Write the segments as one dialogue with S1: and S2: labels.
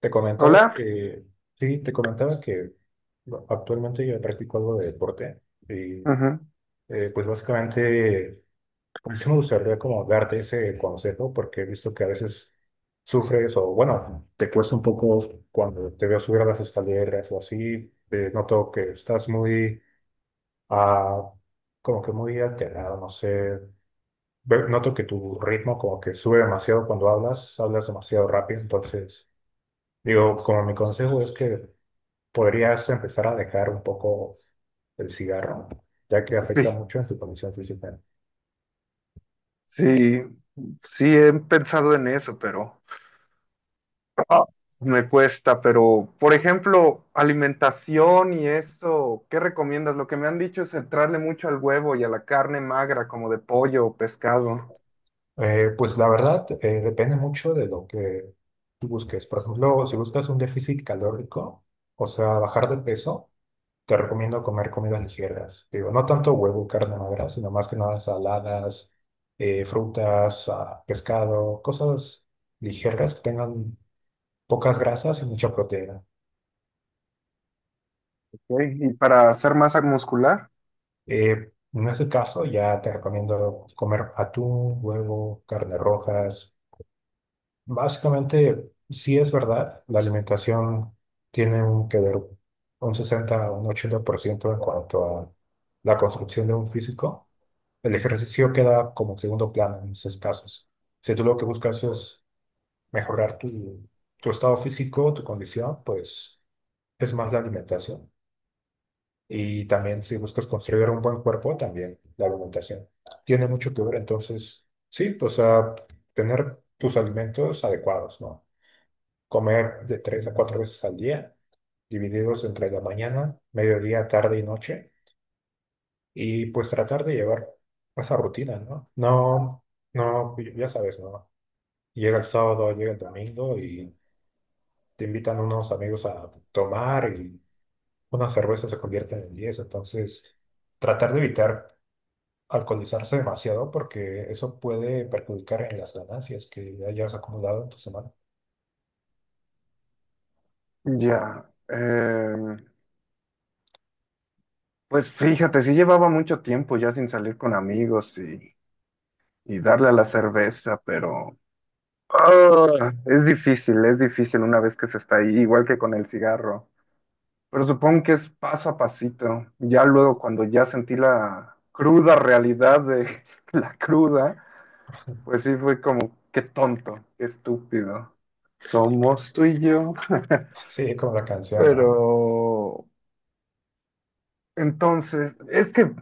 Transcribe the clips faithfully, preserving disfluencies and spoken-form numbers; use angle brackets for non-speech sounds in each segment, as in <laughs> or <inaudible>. S1: Te comentaba
S2: Hola.
S1: que, sí, te comentaba que bueno, actualmente yo practico algo de deporte y
S2: Ujú.
S1: eh, pues básicamente, pues sí me gustaría como darte ese consejo porque he visto que a veces sufres o bueno, te cuesta un poco cuando te veo subir a las escaleras o así, eh, noto que estás muy, ah, como que muy alterado, no sé, Ve- noto que tu ritmo como que sube demasiado cuando hablas, hablas demasiado rápido, entonces digo, como mi consejo es que podrías empezar a dejar un poco el cigarro, ya que afecta
S2: Sí,
S1: mucho en tu condición física.
S2: sí, sí he pensado en eso, pero <laughs> ah, me cuesta. Pero, por ejemplo, alimentación y eso, ¿qué recomiendas? Lo que me han dicho es entrarle mucho al huevo y a la carne magra, como de pollo o pescado.
S1: Eh, pues la verdad, eh, depende mucho de lo que tú busques. Por ejemplo, si buscas un déficit calórico, o sea, bajar de peso, te recomiendo comer comidas ligeras. Digo, no tanto huevo, carne magra, sino más que nada saladas, eh, frutas, ah, pescado, cosas ligeras que tengan pocas grasas y mucha proteína.
S2: Ok, ¿y para hacer masa muscular?
S1: Eh, en ese caso, ya te recomiendo comer atún, huevo, carne rojas. Básicamente, sí es verdad, la alimentación tiene un que ver un sesenta a un ochenta por ciento en cuanto a la construcción de un físico. El ejercicio queda como segundo plano en esos casos. Si tú lo que buscas es mejorar tu, tu estado físico, tu condición, pues es más la alimentación. Y también si buscas construir un buen cuerpo, también la alimentación tiene mucho que ver. Entonces, sí, pues a tener tus alimentos adecuados, ¿no? Comer de tres a cuatro veces al día, divididos entre la mañana, mediodía, tarde y noche, y pues tratar de llevar esa rutina, ¿no? No, no, ya sabes, ¿no? Llega el sábado, llega el domingo y te invitan unos amigos a tomar y una cerveza se convierte en diez, entonces tratar de evitar alcoholizarse demasiado porque eso puede perjudicar en las ganancias que hayas acumulado en tu semana.
S2: Ya. Eh, pues fíjate, sí llevaba mucho tiempo ya sin salir con amigos y, y darle a la cerveza, pero. Ah, es difícil, es difícil una vez que se está ahí, igual que con el cigarro. Pero supongo que es paso a pasito. Ya luego, cuando ya sentí la cruda realidad de <laughs> la cruda, pues sí fue como, qué tonto, qué estúpido. Somos tú y yo. <laughs>
S1: Sí, como la canción,
S2: Pero
S1: ¿no?
S2: entonces, es que,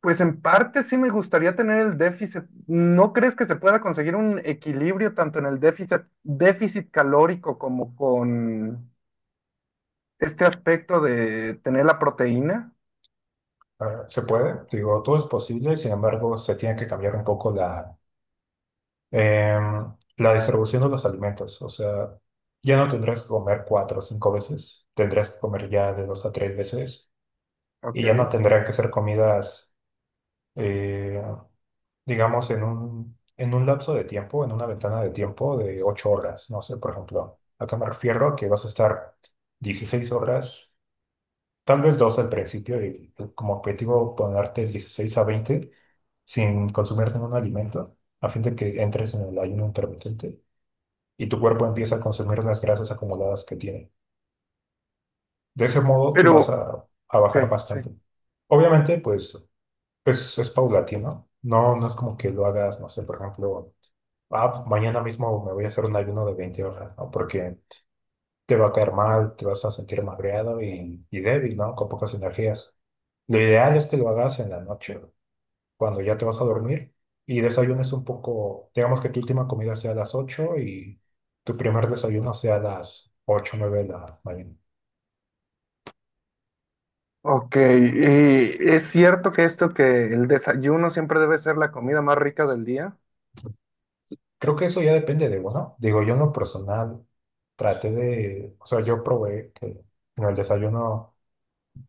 S2: pues en parte sí me gustaría tener el déficit. ¿No crees que se pueda conseguir un equilibrio tanto en el déficit, déficit calórico como con este aspecto de tener la proteína,
S1: Ah, se puede, digo, todo es posible, sin embargo, se tiene que cambiar un poco la, em, la distribución de los alimentos. O sea, ya no tendrás que comer cuatro o cinco veces, tendrás que comer ya de dos a tres veces y ya no
S2: ok,
S1: tendrán que ser comidas. eh, digamos, en un, en un lapso de tiempo, en una ventana de tiempo de ocho horas. No sé, por ejemplo, ¿a qué me refiero? Que vas a estar dieciséis horas, tal vez dos al principio, y como objetivo ponerte dieciséis a veinte sin consumir ningún alimento, a fin de que entres en el ayuno intermitente y tu cuerpo empieza a consumir las grasas acumuladas que tiene. De ese modo, tú vas
S2: pero,
S1: a, a bajar
S2: ok, sí.
S1: bastante. Obviamente, pues es, es paulatino. No, no es como que lo hagas, no sé, por ejemplo. Ah, pues mañana mismo me voy a hacer un ayuno de veinte horas, ¿no? Porque te va a caer mal, te vas a sentir magreado y, y débil, ¿no? Con pocas energías. Lo ideal es que lo hagas en la noche, cuando ya te vas a dormir y desayunes un poco, digamos que tu última comida sea a las ocho y tu primer desayuno sea a las ocho o nueve de la mañana.
S2: Ok, y es cierto que esto, que el desayuno siempre debe ser la comida más rica del día.
S1: Creo que eso ya depende de uno. Digo, yo en lo personal traté de, o sea, yo probé que en el desayuno,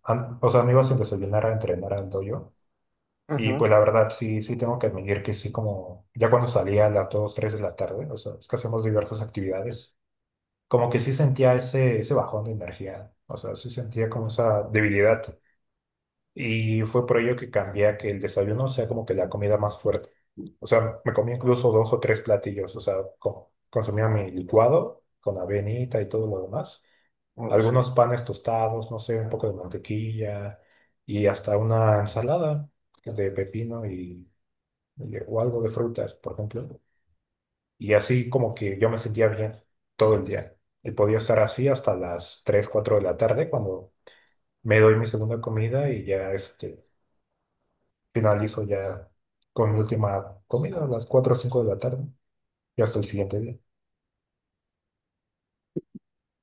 S1: an- o sea, me iba sin desayunar a entrenar al dojo. Y
S2: Ujú.
S1: pues la verdad, sí, sí tengo que admitir que sí, como ya cuando salía a las dos tres de la tarde, o sea, es que hacemos diversas actividades, como que sí sentía ese, ese bajón de energía, o sea, sí sentía como esa debilidad. Y fue por ello que cambié a que el desayuno sea como que la comida más fuerte. O sea, me comía incluso dos o tres platillos, o sea, co- consumía mi licuado con avenita y todo lo demás,
S2: Oh, sí.
S1: algunos panes tostados, no sé, un poco de mantequilla y hasta una ensalada de pepino y y- o algo de frutas, por ejemplo. Y así como que yo me sentía bien todo el día. Y podía estar así hasta las tres cuatro de la tarde cuando me doy mi segunda comida y ya este, finalizo ya con mi última comida a las cuatro o cinco de la tarde y hasta el siguiente día.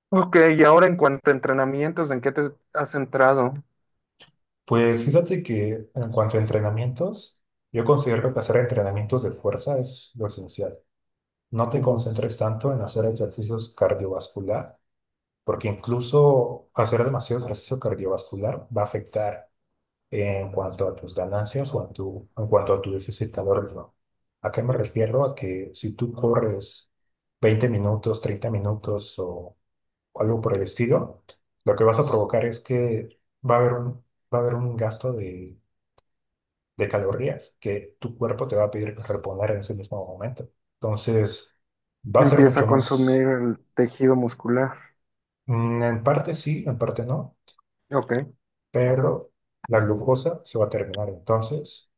S2: Ok, y ahora en cuanto a entrenamientos, ¿en qué te has centrado?
S1: Pues fíjate que en cuanto a entrenamientos, yo considero que hacer entrenamientos de fuerza es lo esencial. No te
S2: Ujú.
S1: concentres tanto en hacer ejercicios cardiovasculares porque incluso hacer demasiado ejercicio cardiovascular va a afectar en cuanto a tus ganancias o en tu, en cuanto a tu déficit calórico. ¿A qué me refiero? A que si tú corres veinte minutos, treinta minutos o algo por el estilo, lo que vas a provocar es que va a haber un, va a haber un gasto de, de calorías que tu cuerpo te va a pedir reponer en ese mismo momento. Entonces, va a ser
S2: Empieza
S1: mucho
S2: a consumir
S1: más,
S2: el tejido muscular.
S1: mm, en parte sí, en parte no,
S2: Ok,
S1: pero la glucosa se va a terminar. Entonces,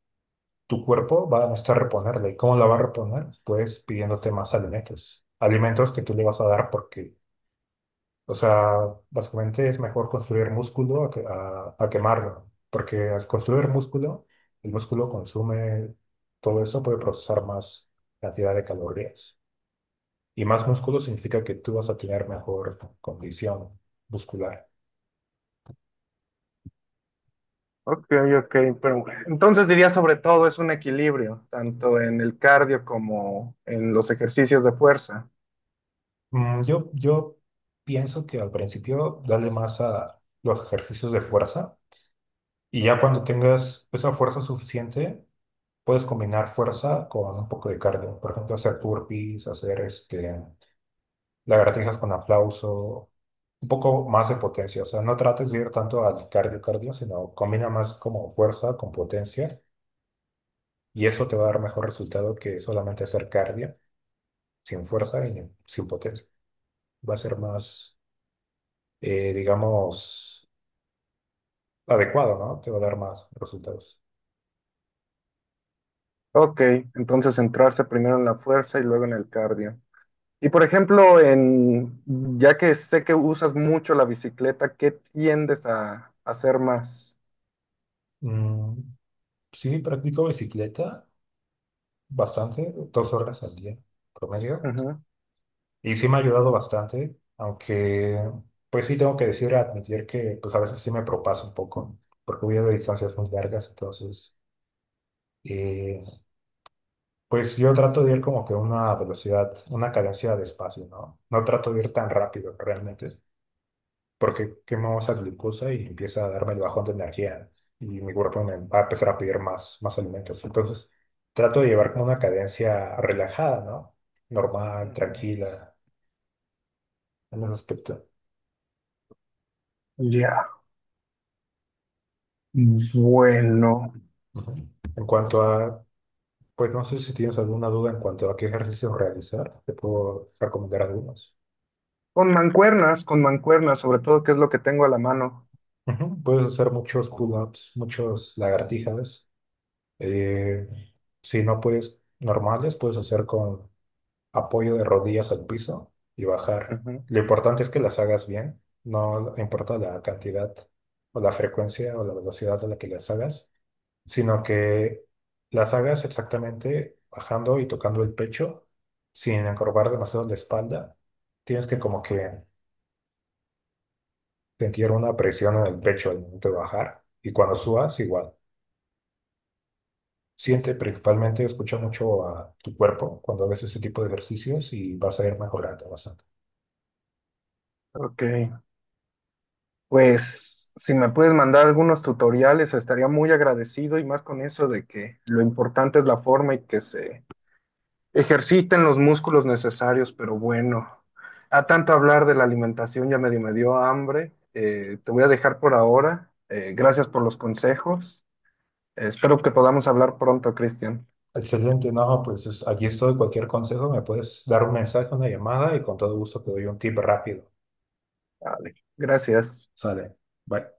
S1: tu cuerpo va a necesitar reponerla. ¿Y cómo la va a reponer? Pues pidiéndote más alimentos. Alimentos que tú le vas a dar porque, o sea, básicamente es mejor construir músculo a, que- a- a quemarlo. Porque al construir músculo, el músculo consume todo eso, puede procesar más cantidad de calorías. Y más músculo significa que tú vas a tener mejor condición muscular.
S2: ok, ok, pero entonces diría sobre todo es un equilibrio, tanto en el cardio como en los ejercicios de fuerza.
S1: Mm, Yo, yo pienso que al principio dale más a los ejercicios de fuerza y ya cuando tengas esa fuerza suficiente, puedes combinar fuerza con un poco de cardio. Por ejemplo, hacer burpees, hacer este, lagartijas con aplauso, un poco más de potencia. O sea, no trates de ir tanto al cardio cardio, sino combina más como fuerza con potencia y eso te va a dar mejor resultado que solamente hacer cardio sin fuerza y sin potencia. Va a ser más, eh, digamos adecuado, ¿no? Te va a dar más resultados.
S2: Ok, entonces centrarse primero en la fuerza y luego en el cardio. Y por ejemplo, en, ya que sé que usas mucho la bicicleta, ¿qué tiendes a, a hacer más?
S1: Mm, sí, practico bicicleta bastante, dos horas al día promedio,
S2: Ujú,
S1: y sí me ha ayudado bastante, aunque pues sí tengo que decir, admitir que pues a veces sí me propaso un poco, porque voy a distancias muy largas, entonces eh, pues yo trato de ir como que a una velocidad, una cadencia de espacio, ¿no? No trato de ir tan rápido realmente, porque quemo esa glucosa y empieza a darme el bajón de energía y mi cuerpo me va a empezar a pedir más, más alimentos. Entonces, trato de llevar como una cadencia relajada, ¿no? Normal,
S2: ujú.
S1: tranquila, en ese aspecto.
S2: Ya, bueno.
S1: Ujú. En cuanto a, pues no sé si tienes alguna duda en cuanto a qué ejercicios realizar, te puedo recomendar algunos.
S2: Con mancuernas, con mancuernas, sobre todo, que es lo que tengo a la mano.
S1: Ujú. Puedes hacer muchos pull-ups, muchos lagartijas. eh, si no puedes normales, puedes hacer con apoyo de rodillas al piso y bajar.
S2: Ujú.
S1: Lo importante es que las hagas bien, no importa la cantidad o la frecuencia o la velocidad a la que las hagas, sino que las hagas exactamente bajando y tocando el pecho sin encorvar demasiado la espalda. Tienes que como que sentir una presión en el pecho al momento de bajar y cuando subas igual. Siente principalmente, escucha mucho a tu cuerpo cuando haces ese tipo de ejercicios y vas a ir mejorando bastante.
S2: Ok, pues si me puedes mandar algunos tutoriales, estaría muy agradecido y más con eso de que lo importante es la forma y que se ejerciten los músculos necesarios, pero bueno, a tanto hablar de la alimentación ya medio me dio hambre. Eh, te voy a dejar por ahora. Eh, gracias por los consejos. Eh, espero que podamos hablar pronto, Cristian.
S1: Excelente, no, pues es- aquí estoy. Cualquier consejo me puedes dar un mensaje, una llamada y con todo gusto te doy un tip rápido.
S2: Vale. Gracias.
S1: Sale. Bye.